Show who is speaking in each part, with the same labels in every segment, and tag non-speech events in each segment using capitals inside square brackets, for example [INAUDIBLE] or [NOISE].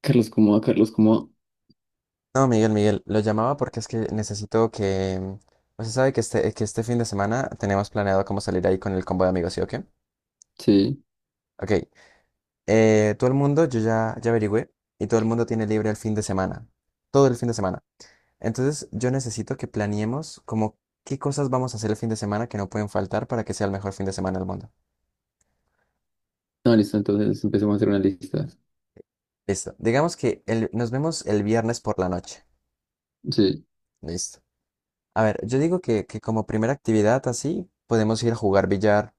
Speaker 1: Carlos Comoa, Carlos Comoa.
Speaker 2: No, Miguel, lo llamaba porque es que necesito que... Usted sabe que este fin de semana tenemos planeado cómo salir ahí con el combo de amigos, ¿sí o qué?
Speaker 1: Sí.
Speaker 2: Ok, todo el mundo, ya averigüé, y todo el mundo tiene libre el fin de semana, todo el fin de semana. Entonces yo necesito que planeemos como qué cosas vamos a hacer el fin de semana que no pueden faltar para que sea el mejor fin de semana del mundo.
Speaker 1: No, listo, entonces empecemos a hacer una lista.
Speaker 2: Listo, digamos que nos vemos el viernes por la noche.
Speaker 1: Sí.
Speaker 2: Listo. A ver, yo digo que como primera actividad así, podemos ir a jugar billar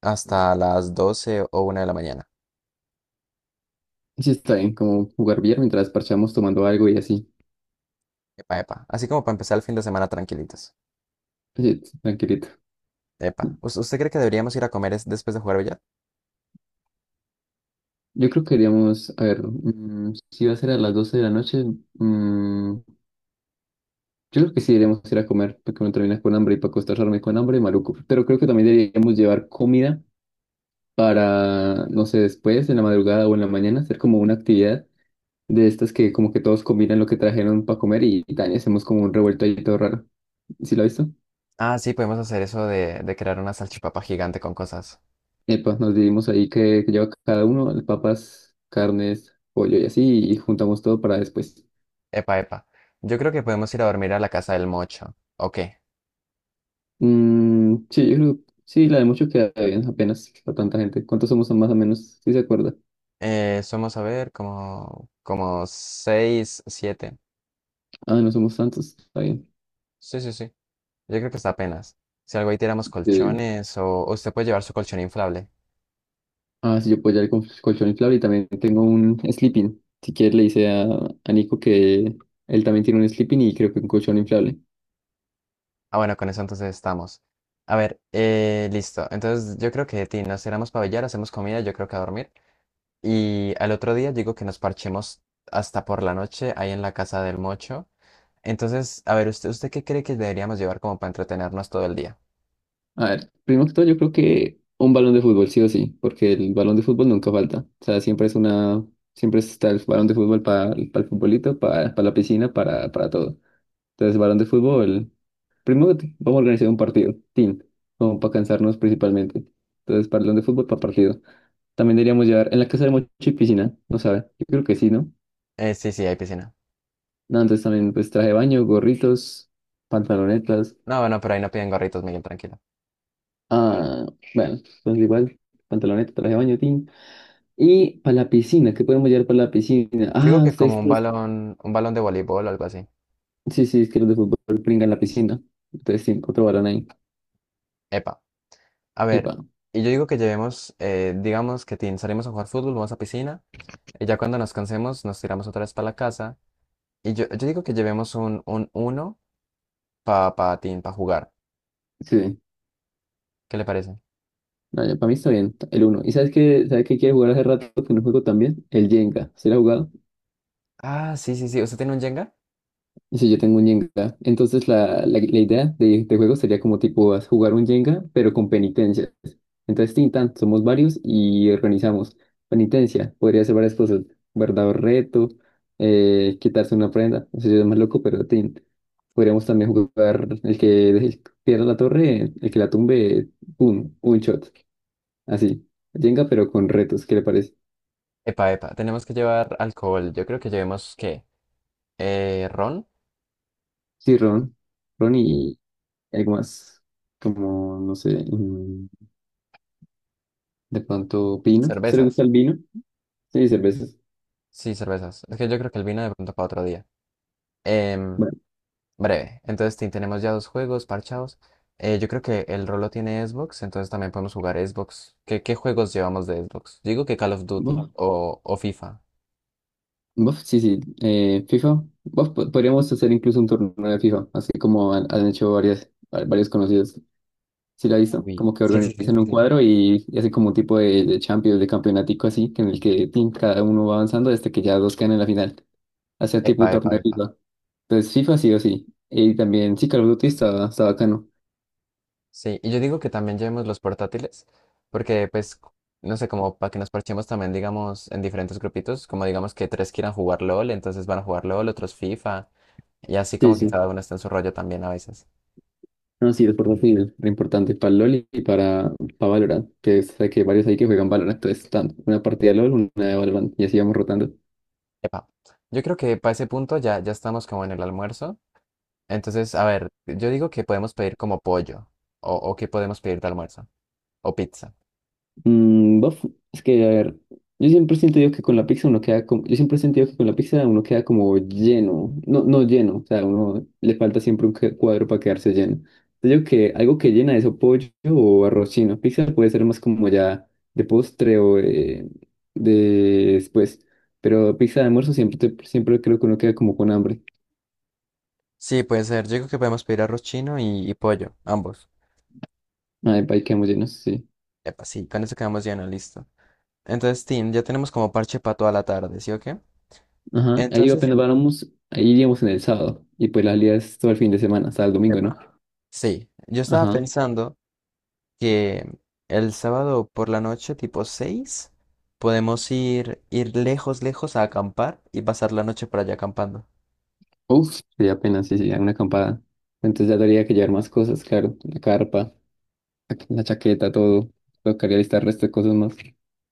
Speaker 2: hasta las 12 o una de la mañana.
Speaker 1: Sí, está bien, como jugar billar mientras parchamos tomando algo y así.
Speaker 2: Epa, epa. Así como para empezar el fin de semana tranquilitos.
Speaker 1: Sí, tranquilito.
Speaker 2: Epa. ¿Usted cree que deberíamos ir a comer después de jugar billar?
Speaker 1: Yo creo que iríamos, a ver, si va a ser a las 12 de la noche, mm, yo creo que sí deberíamos ir a comer, porque uno termina con hambre y para acostarme con hambre, maluco. Pero creo que también deberíamos llevar comida para, no sé, después, en la madrugada o en la mañana, hacer como una actividad de estas que como que todos combinan lo que trajeron para comer y también hacemos como un revuelto ahí todo raro. ¿Sí lo has visto?
Speaker 2: Ah, sí, podemos hacer eso de crear una salchipapa gigante con cosas.
Speaker 1: Epa, nos dividimos ahí que lleva cada uno, papas, carnes, pollo y así, y juntamos todo para después.
Speaker 2: Epa, epa. Yo creo que podemos ir a dormir a la casa del mocho. Ok.
Speaker 1: Mm, sí, yo creo, sí, la de mucho queda bien, apenas para tanta gente. ¿Cuántos somos más o menos? ¿Sí se acuerda?
Speaker 2: Somos, a ver, como 6 siete.
Speaker 1: Ah, no somos tantos, está bien.
Speaker 2: Sí, sí, sí. Yo creo que está apenas. Si algo ahí tiramos
Speaker 1: Eh,
Speaker 2: colchones o usted puede llevar su colchón inflable.
Speaker 1: sí, yo puedo llevar el colchón inflable y también tengo un sleeping. Si quieres, le dice a Nico que él también tiene un sleeping y creo que un colchón inflable.
Speaker 2: Ah, bueno, con eso entonces estamos. A ver, listo. Entonces yo creo que de ti nos tiramos para billar, hacemos comida, yo creo que a dormir. Y al otro día digo que nos parchemos hasta por la noche ahí en la casa del mocho. Entonces, a ver, usted qué cree que deberíamos llevar como para entretenernos todo el día?
Speaker 1: A ver, primero que todo, yo creo que un balón de fútbol, sí o sí, porque el balón de fútbol nunca falta. O sea, siempre es una, siempre está el balón de fútbol para el futbolito, para la piscina, para todo. Entonces, balón de fútbol, primero vamos a organizar un partido, team, como para cansarnos principalmente. Entonces, balón de fútbol para partido. También deberíamos llevar en la casa de Mochi piscina, no sabe, yo creo que sí, ¿no?
Speaker 2: Sí, sí, hay piscina.
Speaker 1: No, entonces también pues traje de baño, gorritos, pantalonetas.
Speaker 2: No, bueno, pero ahí no piden gorritos, Miguel, tranquilo.
Speaker 1: Ah, bueno, entonces igual, pantaloneta, traje de baño, team. Y para la piscina, ¿qué podemos llevar para la piscina?
Speaker 2: Digo
Speaker 1: Ah,
Speaker 2: que
Speaker 1: ustedes,
Speaker 2: como
Speaker 1: pues,
Speaker 2: un balón de voleibol o algo así.
Speaker 1: sí, sí, es que los de fútbol pringan la piscina. Entonces, sí, otro balón ahí.
Speaker 2: Epa. A ver,
Speaker 1: Epa,
Speaker 2: y yo digo que llevemos, digamos que tin, salimos a jugar fútbol, vamos a piscina, y ya cuando nos cansemos nos tiramos otra vez para la casa, y yo digo que llevemos un uno para pa tin, pa jugar.
Speaker 1: sí, sí.
Speaker 2: ¿Qué le parece?
Speaker 1: No, para mí está bien, el uno. ¿Y sabes qué quiere jugar hace rato que no juego también? El Jenga. ¿Se la ha jugado?
Speaker 2: Ah, sí, sí, sí, ¿usted tiene un Jenga?
Speaker 1: Sí, yo tengo un Jenga. Entonces la idea de juego sería como tipo jugar un Jenga, pero con penitencias. Entonces, tintan, somos varios y organizamos. Penitencia, podría ser varias cosas. Guardar reto, quitarse una prenda. No sé si es más loco, pero tin. Podríamos también jugar el que pierda la torre, el que la tumbe, un shot. Así. Jenga, pero con retos, ¿qué le parece?
Speaker 2: Epa, epa, tenemos que llevar alcohol, yo creo que llevemos, ¿qué? ¿Ron?
Speaker 1: Sí, Ron. Ron y algo más. Como, no sé. De pronto, vino. ¿Usted le gusta
Speaker 2: ¿Cervezas?
Speaker 1: el vino? Sí, cervezas.
Speaker 2: Sí, cervezas, es que yo creo que el vino de pronto para otro día. Em,
Speaker 1: Bueno,
Speaker 2: Breve. Entonces, tin, tenemos ya dos juegos parchados. Yo creo que el Rolo tiene Xbox, entonces también podemos jugar Xbox. Qué juegos llevamos de Xbox? Digo que Call of Duty
Speaker 1: bof,
Speaker 2: o FIFA.
Speaker 1: bof, sí, sí. FIFA. Bof, podríamos hacer incluso un torneo de FIFA, así como han hecho varias, varios conocidos. ¿Sí la ha visto?
Speaker 2: Uy,
Speaker 1: Como que
Speaker 2: sí, sí, sí,
Speaker 1: organizan
Speaker 2: sí,
Speaker 1: un
Speaker 2: sí.
Speaker 1: cuadro y hacen como un tipo de Champions, de campeonatico así, que en el que tin, cada uno va avanzando hasta que ya dos quedan en la final. Hacer tipo
Speaker 2: Epa,
Speaker 1: un torneo
Speaker 2: epa,
Speaker 1: de
Speaker 2: epa.
Speaker 1: FIFA. Entonces, FIFA sí o sí. Y también, sí, Call of Duty está, está bacano.
Speaker 2: Sí, y yo digo que también llevemos los portátiles, porque pues, no sé, como para que nos parchemos también, digamos, en diferentes grupitos, como digamos que tres quieran jugar LOL, entonces van a jugar LOL, otros FIFA, y así
Speaker 1: Sí,
Speaker 2: como que
Speaker 1: sí.
Speaker 2: cada uno está en su rollo también a veces.
Speaker 1: No, sí, es portátil, re importante para LOL y para Valorant, que sé que varios hay que juegan Valorant, entonces están una partida de LOL, una de Valorant, y así vamos rotando.
Speaker 2: Epa, yo creo que para ese punto ya estamos como en el almuerzo. Entonces, a ver, yo digo que podemos pedir como pollo. O que podemos pedir de almuerzo. O pizza.
Speaker 1: Mm, bof, es que, a ver, yo siempre siento sentido que con la pizza uno queda como, yo siempre he sentido que con la pizza uno queda como lleno, no, no lleno, o sea, uno le falta siempre un cuadro para quedarse lleno. Yo digo que algo que llena eso, pollo o arroz chino, pizza puede ser más como ya de postre o de después, pero pizza de almuerzo siempre, siempre creo que uno queda como con hambre.
Speaker 2: Sí, puede ser. Yo digo que podemos pedir arroz chino y pollo, ambos.
Speaker 1: Ay, pa, ahí quedamos llenos, sí.
Speaker 2: Epa, sí, con eso quedamos llenos, listo. Entonces, Tim, ya tenemos como parche para toda la tarde, ¿sí o qué?
Speaker 1: Ajá, ahí
Speaker 2: Entonces,
Speaker 1: apenas vamos, ahí iríamos en el sábado, y pues la salida es todo el fin de semana, hasta el domingo, ¿no?
Speaker 2: epa, sí, yo estaba
Speaker 1: Ajá.
Speaker 2: pensando que el sábado por la noche, tipo 6, podemos ir, ir lejos, lejos a acampar y pasar la noche por allá acampando.
Speaker 1: Uf, sí, apenas, sí, sí, hay una acampada. Entonces ya tendría que llevar más cosas, claro. La carpa, la chaqueta, todo. Tocaría listar resto de cosas más.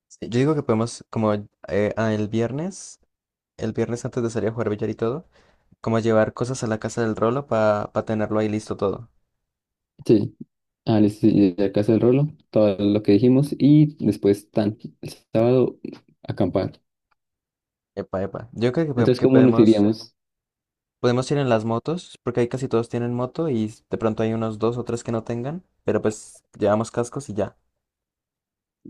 Speaker 2: Sí, yo digo que podemos, como eh, ah, el viernes, el viernes antes de salir a jugar billar y todo, como llevar cosas a la casa del Rolo para tenerlo ahí listo todo.
Speaker 1: Sí, ah, listo, sí, ya que el rolo, todo lo que dijimos. Y después, tan, el sábado, acampar.
Speaker 2: Epa, epa. Yo creo que
Speaker 1: Entonces,
Speaker 2: que
Speaker 1: ¿cómo nos
Speaker 2: podemos,
Speaker 1: iríamos?
Speaker 2: podemos ir en las motos, porque ahí casi todos tienen moto y de pronto hay unos dos o tres que no tengan, pero pues llevamos cascos y ya.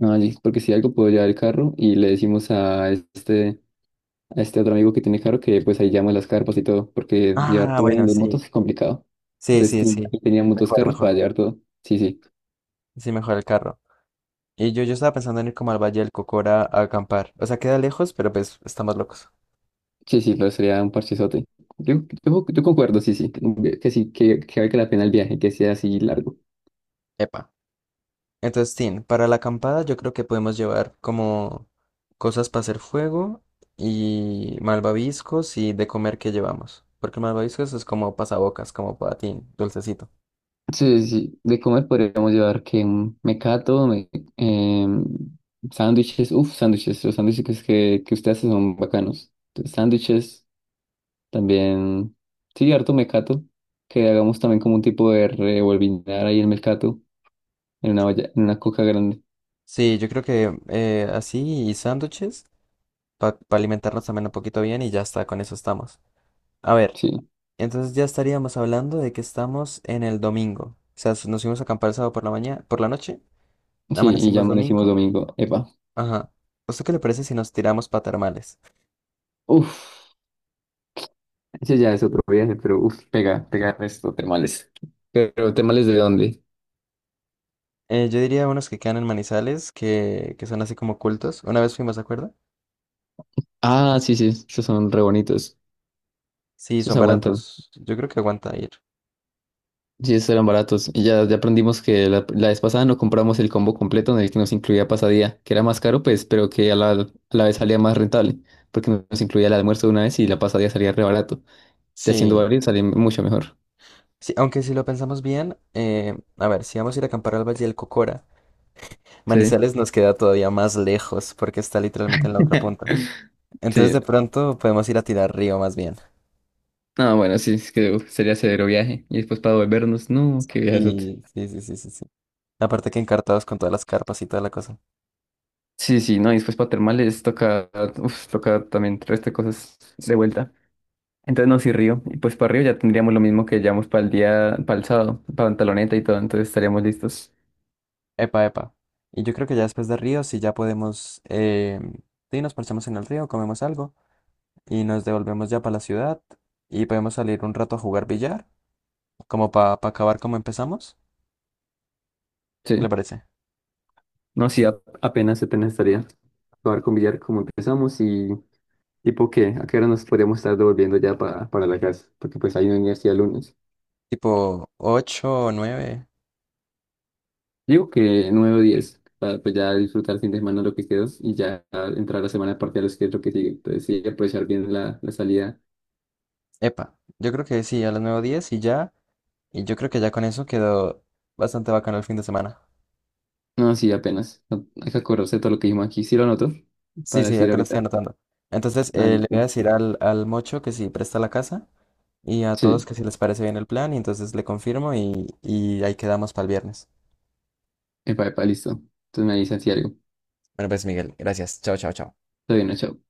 Speaker 1: Ah, sí, porque si algo puedo llevar el carro y le decimos a este otro amigo que tiene carro que pues ahí llama las carpas y todo, porque llevar
Speaker 2: Ah,
Speaker 1: todo en
Speaker 2: bueno,
Speaker 1: dos
Speaker 2: sí.
Speaker 1: motos es complicado.
Speaker 2: Sí,
Speaker 1: Entonces,
Speaker 2: sí, sí.
Speaker 1: teníamos dos
Speaker 2: Mejor,
Speaker 1: carros
Speaker 2: mejor.
Speaker 1: para llevar todo. Sí, sí.
Speaker 2: Sí, mejor el carro. Y yo estaba pensando en ir como al Valle del Cocora a acampar. O sea, queda lejos, pero pues estamos locos.
Speaker 1: Sí, sí, pero sería un parchezote. Yo, yo concuerdo, sí, sí, que valga la pena el viaje, que sea así largo.
Speaker 2: Epa. Entonces, tin, para la acampada yo creo que podemos llevar como cosas para hacer fuego y malvaviscos y de comer que llevamos. Porque malvaviscos es como pasabocas, como para tin, dulcecito.
Speaker 1: Sí, sí, sí, de comer podríamos llevar que un mecato, em, sándwiches, uff, sándwiches, los sándwiches que usted hace son bacanos. Entonces, sándwiches, también, sí, harto mecato, que hagamos también como un tipo de revolvinar ahí el mecato, en una olla, en una coca grande,
Speaker 2: Sí, yo creo que así y sándwiches para alimentarnos también un poquito bien y ya está, con eso estamos. A ver,
Speaker 1: sí,
Speaker 2: entonces ya estaríamos hablando de que estamos en el domingo. O sea, nos fuimos a acampar el sábado por la mañana, por la noche,
Speaker 1: sí, y ya
Speaker 2: amanecimos
Speaker 1: amanecimos
Speaker 2: domingo.
Speaker 1: domingo, epa,
Speaker 2: Ajá. ¿Esto qué le parece si nos tiramos para termales?
Speaker 1: uff. Ese ya es otro viaje, pero uf, pega, pega resto, temales. Pero, ¿temales de dónde?
Speaker 2: Yo diría unos que quedan en Manizales, que son así como cultos. Una vez fuimos, ¿de acuerdo?
Speaker 1: Ah, sí, sí, esos son re bonitos.
Speaker 2: Sí, son
Speaker 1: Esos aguantan.
Speaker 2: baratos. Yo creo que aguanta ir.
Speaker 1: Sí, esos eran baratos. Y ya, ya aprendimos que la vez pasada no compramos el combo completo en el que nos incluía pasadía, que era más caro, pues, pero que a a la vez salía más rentable, porque nos incluía el almuerzo de una vez y la pasadía salía re barato. Ya haciendo
Speaker 2: Sí.
Speaker 1: varios salía mucho mejor.
Speaker 2: Sí, aunque si lo pensamos bien, a ver, si vamos a ir a acampar al Valle del Cocora,
Speaker 1: Sí.
Speaker 2: Manizales nos queda todavía más lejos porque está literalmente en la otra
Speaker 1: [LAUGHS]
Speaker 2: punta. Entonces
Speaker 1: Sí.
Speaker 2: de pronto podemos ir a tirar río más bien.
Speaker 1: Ah, bueno, sí, es que uf, sería severo viaje. Y después para volvernos, no, qué viaje.
Speaker 2: Y sí, sí, sí, sí, sí. Aparte que encartados con todas las carpas y toda la cosa.
Speaker 1: Sí, sí, no, y después para termales toca, uf, toca también el resto de cosas de vuelta. Entonces no, sí, Río. Y pues para Río ya tendríamos lo mismo que llevamos para el día, para el sábado, para Pantaloneta y todo, entonces estaríamos listos.
Speaker 2: Epa, epa. Y yo creo que ya después de río, sí ya podemos... sí, nos parchamos en el río, comemos algo. Y nos devolvemos ya para la ciudad y podemos salir un rato a jugar billar, como para acabar como empezamos. ¿Qué le
Speaker 1: Sí.
Speaker 2: parece?
Speaker 1: No, sí, apenas, apenas estaría. Acabar con billar como empezamos y tipo qué, a qué hora nos podríamos estar devolviendo ya para la casa, porque pues hay una universidad el lunes.
Speaker 2: Tipo ocho o 9.
Speaker 1: Digo que 9 o 10, para pues ya disfrutar el fin de semana lo que quedó y ya entrar a la semana de parciales que es lo que sigue. Entonces sí, aprovechar bien la salida.
Speaker 2: Epa, yo creo que sí, a las nueve o 10 y ya. Y yo creo que ya con eso quedó bastante bacano el fin de semana.
Speaker 1: No, sí, apenas. No, hay que acordarse de todo lo que dijimos aquí. Sí lo anoto
Speaker 2: Sí,
Speaker 1: para
Speaker 2: sí,
Speaker 1: decir
Speaker 2: acá lo estoy
Speaker 1: ahorita.
Speaker 2: anotando. Entonces,
Speaker 1: Ah,
Speaker 2: le voy a
Speaker 1: listo.
Speaker 2: decir al, al Mocho que si presta la casa y a todos
Speaker 1: Sí.
Speaker 2: que si les parece bien el plan y entonces le confirmo y ahí quedamos para el viernes.
Speaker 1: Epa, epa, listo. Entonces me dicen si algo.
Speaker 2: Bueno, pues Miguel, gracias. Chao, chao, chao.
Speaker 1: Está bien, no, chao.